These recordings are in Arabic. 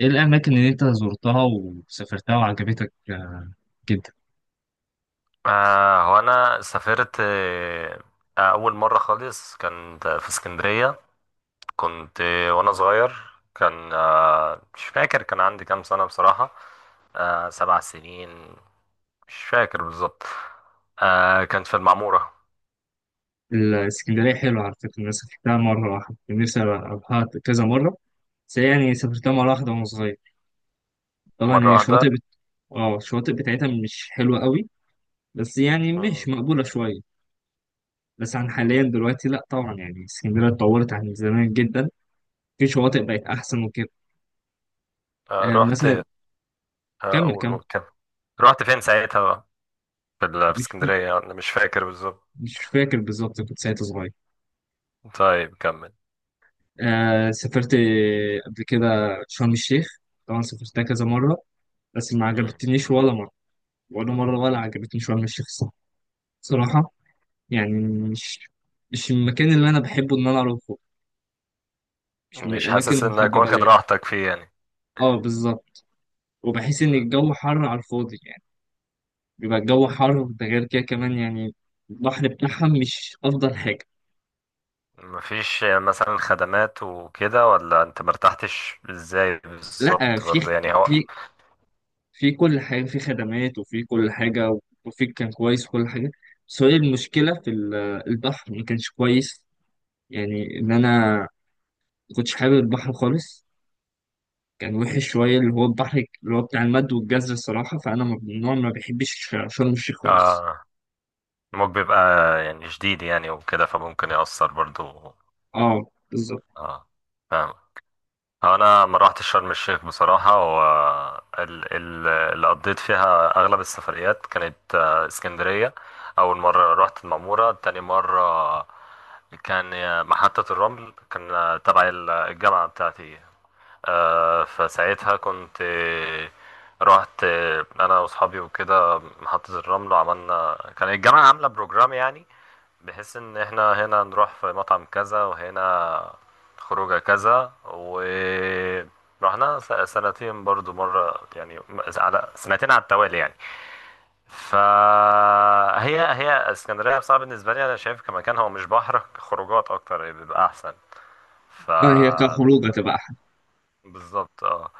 ايه الاماكن اللي انت زرتها وسافرتها وعجبتك؟ جدا. هو انا سافرت اول مره خالص كانت في اسكندريه. كنت وانا صغير. كان آه مش فاكر كان عندي كام سنه بصراحه. 7 سنين، مش فاكر بالظبط. كانت في المعموره. الاسكندريه حلوه على فكره، انا سافرتها مره واحده، كان نفسي اروحها كذا مره، بس هي يعني سافرتها مره واحده وانا صغير. طبعا مره هي واحده. الشواطئ بت... اه الشواطئ بتاعتها مش حلوه قوي، بس يعني مم. مش مقبوله شويه. بس عن حاليا دلوقتي لا طبعا، يعني اسكندريه اتطورت عن زمان جدا، في شواطئ بقت احسن وكده. آه آه رحت آه مثلا. كمل اقول كمل. أقول كده. رحت فين ساعتها بقى؟ في مش اسكندريه، انا مش فاكر بالظبط. مش فاكر بالظبط، كنت ساعتها صغير. طيب، كمل. آه سافرت قبل كده شرم الشيخ، طبعا سافرتها كذا مرة بس ما مم. عجبتنيش ولا مرة، ولا مرة، ولا عجبتني شرم الشيخ الصراحة. صراحة يعني مش مش المكان اللي أنا بحبه إن أنا أروحه، مش من مش الأماكن حاسس انك المحببة واخد ليا. راحتك فيه يعني؟ اه بالظبط، وبحس إن مم. الجو حر على الفاضي يعني، بيبقى الجو حر، ده غير كده كمان يعني البحر بتاعها مش أفضل حاجة. مفيش مثلا خدمات وكده، ولا انت مرتحتش، ازاي لأ بالظبط برضه يعني هو؟ في في كل حاجة، في خدمات وفي كل حاجة، وفيك كان كويس كل حاجة. بس هي المشكلة في البحر ما كانش كويس، يعني إن أنا ما كنتش حابب البحر خالص. كان وحش شوية اللي هو البحر، اللي هو بتاع المد والجزر الصراحة، فأنا من النوع ما بحبش شرم الشيخ خالص. اه، الموج بيبقى يعني شديد يعني وكده، فممكن يأثر برضه. اه بالظبط. اه، فاهم. انا ما روحتش شرم الشيخ بصراحة. هو اللي قضيت فيها اغلب السفريات كانت اسكندرية. اول مرة رحت المعمورة، تاني مرة كان محطة الرمل، كان تبع الجامعة بتاعتي. فساعتها كنت، رحت انا واصحابي وكده محطة الرمل. كان الجامعة عاملة بروجرام يعني، بحيث ان احنا هنا نروح في مطعم كذا، وهنا خروجه كذا، ورحنا. سنتين برضو مرة يعني، على سنتين على التوالي يعني. فهي اسكندرية بصراحة، بالنسبة لي انا شايف كمكان هو مش بحر، خروجات اكتر بيبقى احسن. ف اه هي كخروج هتبقى أحلى، بالظبط، اه.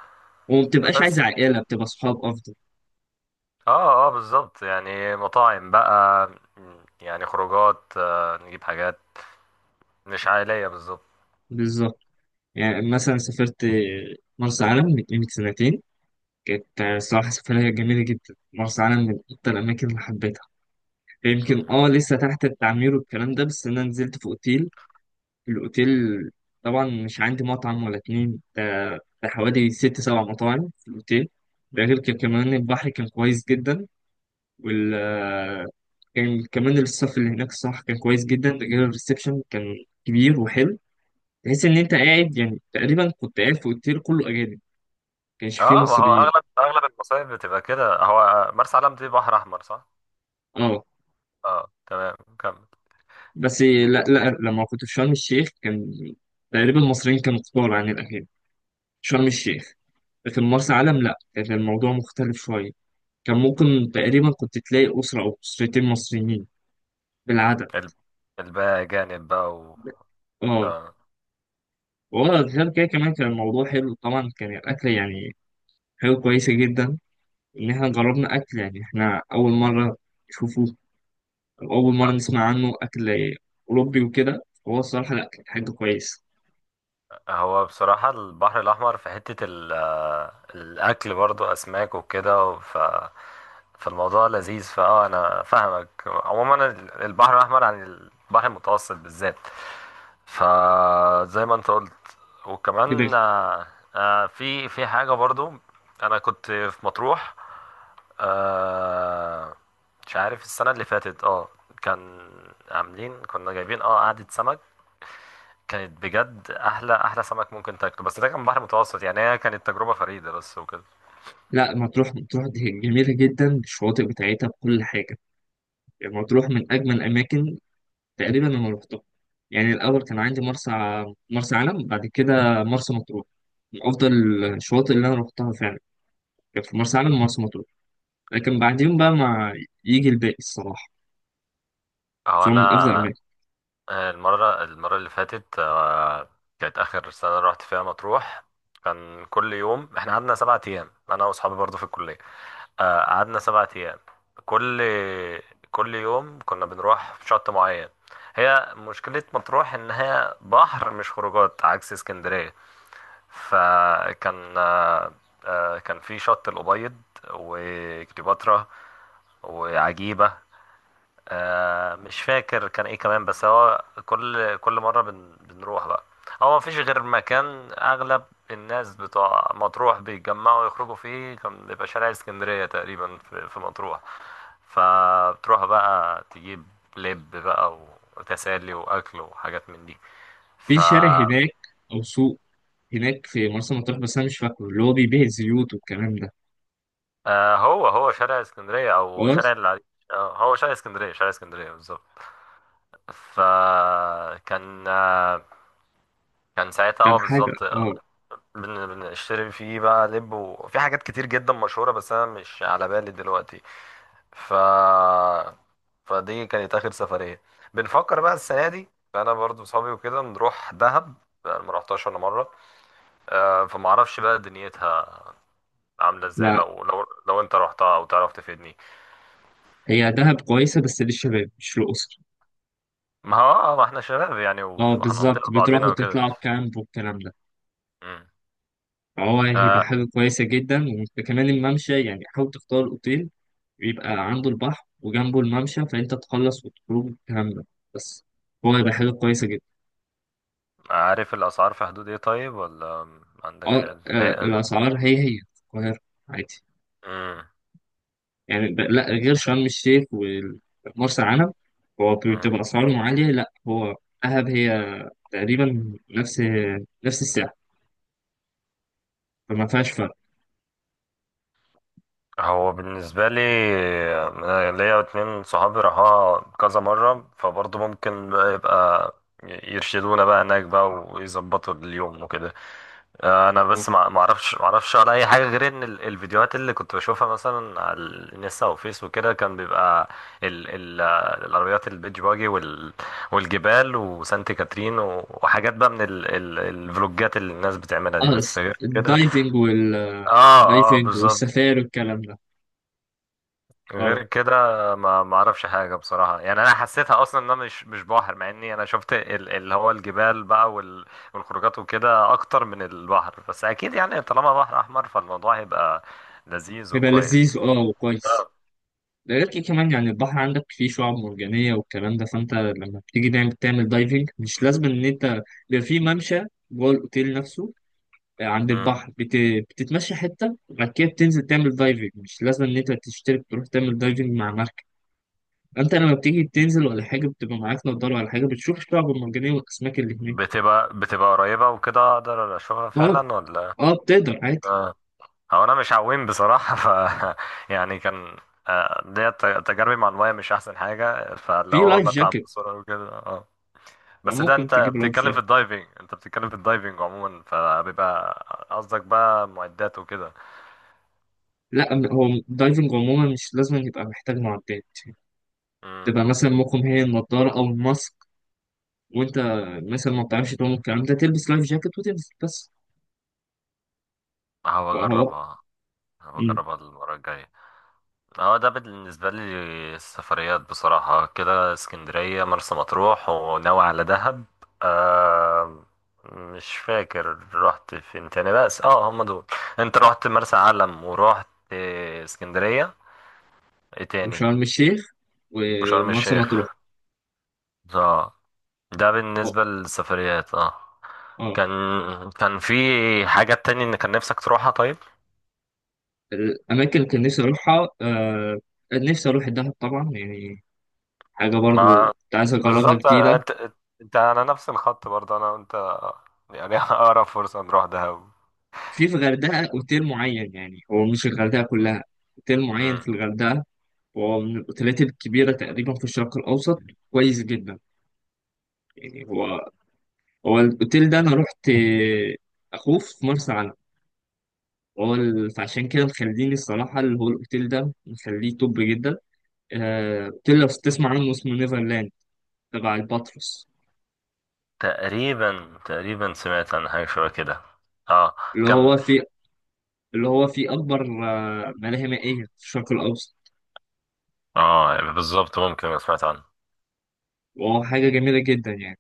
وما بتبقاش عايزة بس، عائلة، بتبقى صحاب أفضل. اه بالظبط يعني، مطاعم بقى. يعني خروجات نجيب حاجات مش عائلية بالظبط. بالظبط، يعني مثلا سافرت مرسى علم من قيمة سنتين، كانت مم، الصراحة سفرية جميلة جدا. مرسى علم من أكتر الأماكن اللي حبيتها، مم. يمكن اه لسه تحت التعمير والكلام ده، بس انا نزلت في اوتيل، الاوتيل طبعا مش عندي مطعم ولا اتنين ده، ده حوالي ست سبع مطاعم في الاوتيل. ده غير كده كمان البحر كان كويس جدا، وال آه، كان كمان الصف اللي هناك الصراحة كان كويس جدا، ده غير الريسبشن كان كبير وحلو. تحس ان انت قاعد، يعني تقريبا كنت قاعد في اوتيل كله اجانب، كانش اه، فيه ما هو مصريين. اغلب المصايف بتبقى كده. هو مرسى علم دي بحر احمر صح؟ اه اه، تمام، كمل. بس لا لا لما كنت في شرم الشيخ، كان تقريبا المصريين كانوا كتار عن الاجانب، شرم الشيخ. لكن مرسى علم لا كان الموضوع مختلف شوية، كان ممكن تقريبا كنت تلاقي أسرة أو أسرتين مصريين بالعدد. ال- الباقي جانب بقى و. اه اه. وغير كده كمان كان الموضوع حلو، طبعا كان الأكل يعني حاجة كويسة جدا، إن إحنا جربنا أكل، يعني إحنا أول مرة نشوفه أو أول مرة آه. نسمع عنه، أكل أوروبي وكده. هو الصراحة لا، كانت حاجة كويسة هو بصراحة البحر الأحمر في حتة الأكل برضو أسماك وكده. فالموضوع لذيذ. أنا فاهمك عموما البحر الأحمر عن البحر المتوسط بالذات. فزي ما أنت قلت. كده. وكمان، في حاجة برضو. أنا كنت في مطروح، آه، مش عارف السنة اللي فاتت اه كان عاملين كنا جايبين قعدة سمك، كانت بجد احلى احلى سمك ممكن تاكله، بس ده كان بحر متوسط يعني، هي كانت تجربه فريده بس وكده. لا مطروح مطروح دي جميلة جدا الشواطئ بتاعتها بكل حاجة، يعني مطروح من أجمل الأماكن تقريبا انا رحتها. يعني الاول كان عندي مرسى علم، بعد كده مرسى مطروح، من افضل الشواطئ اللي انا رحتها فعلا، كانت في مرسى علم ومرسى مطروح. لكن بعدين بقى ما يجي الباقي الصراحه، هو بصراحه انا، من افضل الاماكن. المره اللي فاتت، كانت اخر سنه رحت فيها مطروح. كان كل يوم احنا قعدنا 7 ايام، انا واصحابي برضو في الكليه. قعدنا 7 ايام، كل كل يوم كنا بنروح في شط معين. هي مشكله مطروح ان هي بحر مش خروجات، عكس اسكندريه. فكان آه، آه، كان في شط الأبيض وكليوباترا وعجيبة. مش فاكر كان ايه كمان، بس هو كل مرة بنروح بقى. هو مفيش غير مكان أغلب الناس بتوع مطروح بيتجمعوا يخرجوا فيه، كان بيبقى شارع اسكندرية تقريبا في مطروح. فبتروح بقى تجيب لب بقى، وتسالي وأكل وحاجات من دي. في ف شارع هناك او سوق هناك في مرسى مطروح بس انا مش فاكره، اللي هو بيبيع الزيوت والكلام ده. هو شارع اسكندرية أو شارع خلاص. العريش؟ هو شارع اسكندرية، شارع اسكندرية بالظبط. فكان آه كان ساعتها، كان حاجه بالظبط. اه. بنشتري فيه بقى لب، وفي حاجات كتير جدا مشهورة، بس أنا مش على بالي دلوقتي. ف فدي كانت آخر سفرية، بنفكر بقى السنة دي فأنا برضو وصحابي وكده نروح دهب. أنا ما رحتهاش ولا مرة، فمعرفش بقى دنيتها عاملة ازاي، لا، لو انت رحتها أو تعرف تفيدني. هي دهب كويسه بس للشباب مش للاسر. ما هو اه، ما احنا شباب يعني، اه وهنقضيها بالظبط، بتروحوا لبعضنا وكده. تطلعوا كامب والكلام ده، مم. هو هيبقى آه، حاجة كويسة جدا. وكمان الممشى، يعني حاول تختار أوتيل يبقى عنده البحر وجنبه الممشى فأنت تخلص وتخرج كاملة، بس هو هيبقى حاجة كويسة جدا. عارف الأسعار في حدود ايه طيب، ولا ما عندكش أه، علم؟ الأسعار هي هي في القاهرة عادي، مم. يعني لا، غير شرم الشيخ ومرسى علم هو مم. بتبقى أسعارهم عالية، لا هو دهب هي تقريبا نفس السعر، فما فيهاش فرق. هو بالنسبة لي، أنا ليا اتنين صحابي راحوها كذا مرة، فبرضه ممكن بقى يرشدونا بقى هناك بقى، ويظبطوا اليوم وكده. انا بس ما اعرفش على اي حاجه، غير ان الفيديوهات اللي كنت بشوفها مثلا على الانستا وفيس وكده كان بيبقى ال ال آه، العربيات البيتش باجي والجبال وسانت كاترين وحاجات بقى من ال ال الفلوجات اللي الناس بتعملها دي، اه بس غير كده. الدايفنج وال اه اه، الدايفنج بالظبط. والسفاري والكلام ده. غير اه كده، ما اعرفش حاجه بصراحه يعني، انا حسيتها اصلا ان انا مش بحر، مع اني انا شفت اللي هو الجبال بقى والخروجات وكده اكتر من البحر، بس اكيد يعني طالما بحر احمر فالموضوع هيبقى لذيذ بيبقى وكويس. لذيذ اه وكويس. آه. ده غير كده كمان يعني البحر عندك فيه شعاب مرجانية والكلام ده، فانت لما بتيجي تعمل دايفنج مش لازم ان انت، بيبقى فيه ممشى جوه الاوتيل نفسه، عند مم. البحر بتتمشى حتة، بعد كده بتنزل تعمل دايفنج، مش لازم ان انت تشترك تروح تعمل دايفنج مع مركب، انت لما بتيجي تنزل ولا حاجة، بتبقى معاك نضارة ولا حاجة، بتشوف الشعاب المرجانية والاسماك اللي هناك. بتبقى قريبه وكده، اقدر اشوفها اه. فعلا ولا؟ اه بتقدر عادي. اه، هو انا مش عويم بصراحه. يعني كان، ديت تجاربي مع المايه مش احسن حاجه، في فاللي هو لايف بتعب جاكيت، بسرعه وكده. بس ده ممكن تجيب لايف جاكيت. انت بتتكلم في الدايفنج عموما فبيبقى. قصدك بقى معدات وكده؟ لا هو دايفنج عموما مش لازم يبقى محتاج معدات، امم تبقى مثلا ممكن هي النضارة أو الماسك، وأنت مثلا ما بتعرفش تعوم الكلام ده تلبس لايف جاكيت وتنزل بس. هبقى فهو. اجربها هبقى مم. اجربها المره الجايه. اه، ده بالنسبه لي السفريات بصراحه كده: اسكندريه، مرسى مطروح، وناوي على دهب. آه مش فاكر رحت فين تاني، بس اه هم دول. انت رحت مرسى علم ورحت اسكندريه، ايه تاني؟ وشرم الشيخ وشرم ومرسى مطروح. الشيخ، اه. ده أه. بالنسبه للسفريات اه آه. كان كان في حاجة تاني ان كان نفسك تروحها طيب؟ الأماكن اللي كان نفسي أروحها نفسي أروح الدهب طبعا، يعني حاجة برضو ما، كنت عايز أجربها بالظبط. جديدة. انت على نفس الخط برضه انا وانت يعني. اقرب فرصة نروح دهب. في الغردقة أوتيل معين، يعني هو مش الغردقة كلها، أوتيل معين مم. في الغردقة، هو من الأوتيلات الكبيرة تقريبا في الشرق الأوسط، كويس جدا. يعني هو الاوتيل ده انا رحت. اخوه في مرسى علم، هو فعشان كده مخليني الصراحه اللي هو الاوتيل ده مخليه توب جدا. اوتيل لو تسمع عنه اسمه نيفرلاند، تبع الباتروس، تقريبا سمعت عن حاجة شبه كده. اه، اللي كمل. هو في اللي هو في اكبر ملاهي مائيه في الشرق الاوسط، اه، يعني بالظبط ممكن أبقى سمعت عنه. وهو حاجه جميله جدا يعني.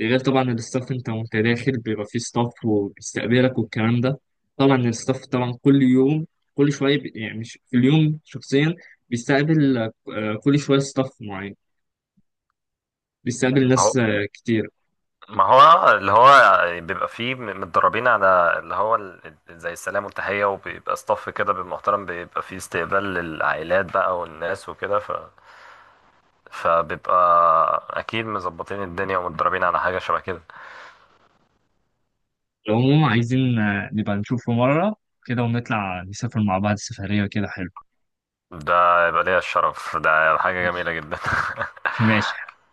ده غير طبعا الستاف، انت وانت داخل بيبقى فيه ستاف وبيستقبلك والكلام ده. طبعا الستاف طبعا كل يوم كل يعني مش في اليوم شخصيا، بيستقبل كل شويه ستاف معين، بيستقبل هو، ناس آه، كتير. ما هو اللي هو بيبقى فيه متدربين على اللي هو زي السلام والتحية، وبيبقى صف كده بالمحترم، بيبقى فيه استقبال للعائلات بقى والناس وكده. فبيبقى اكيد مظبطين الدنيا ومتدربين على حاجه شبه كده. العموم عايزين نبقى نشوفه مرة كده ونطلع نسافر مع بعض سفرية كده حلو. ده يبقى ليا الشرف، ده حاجه ماشي. جميله جدا. ماشي.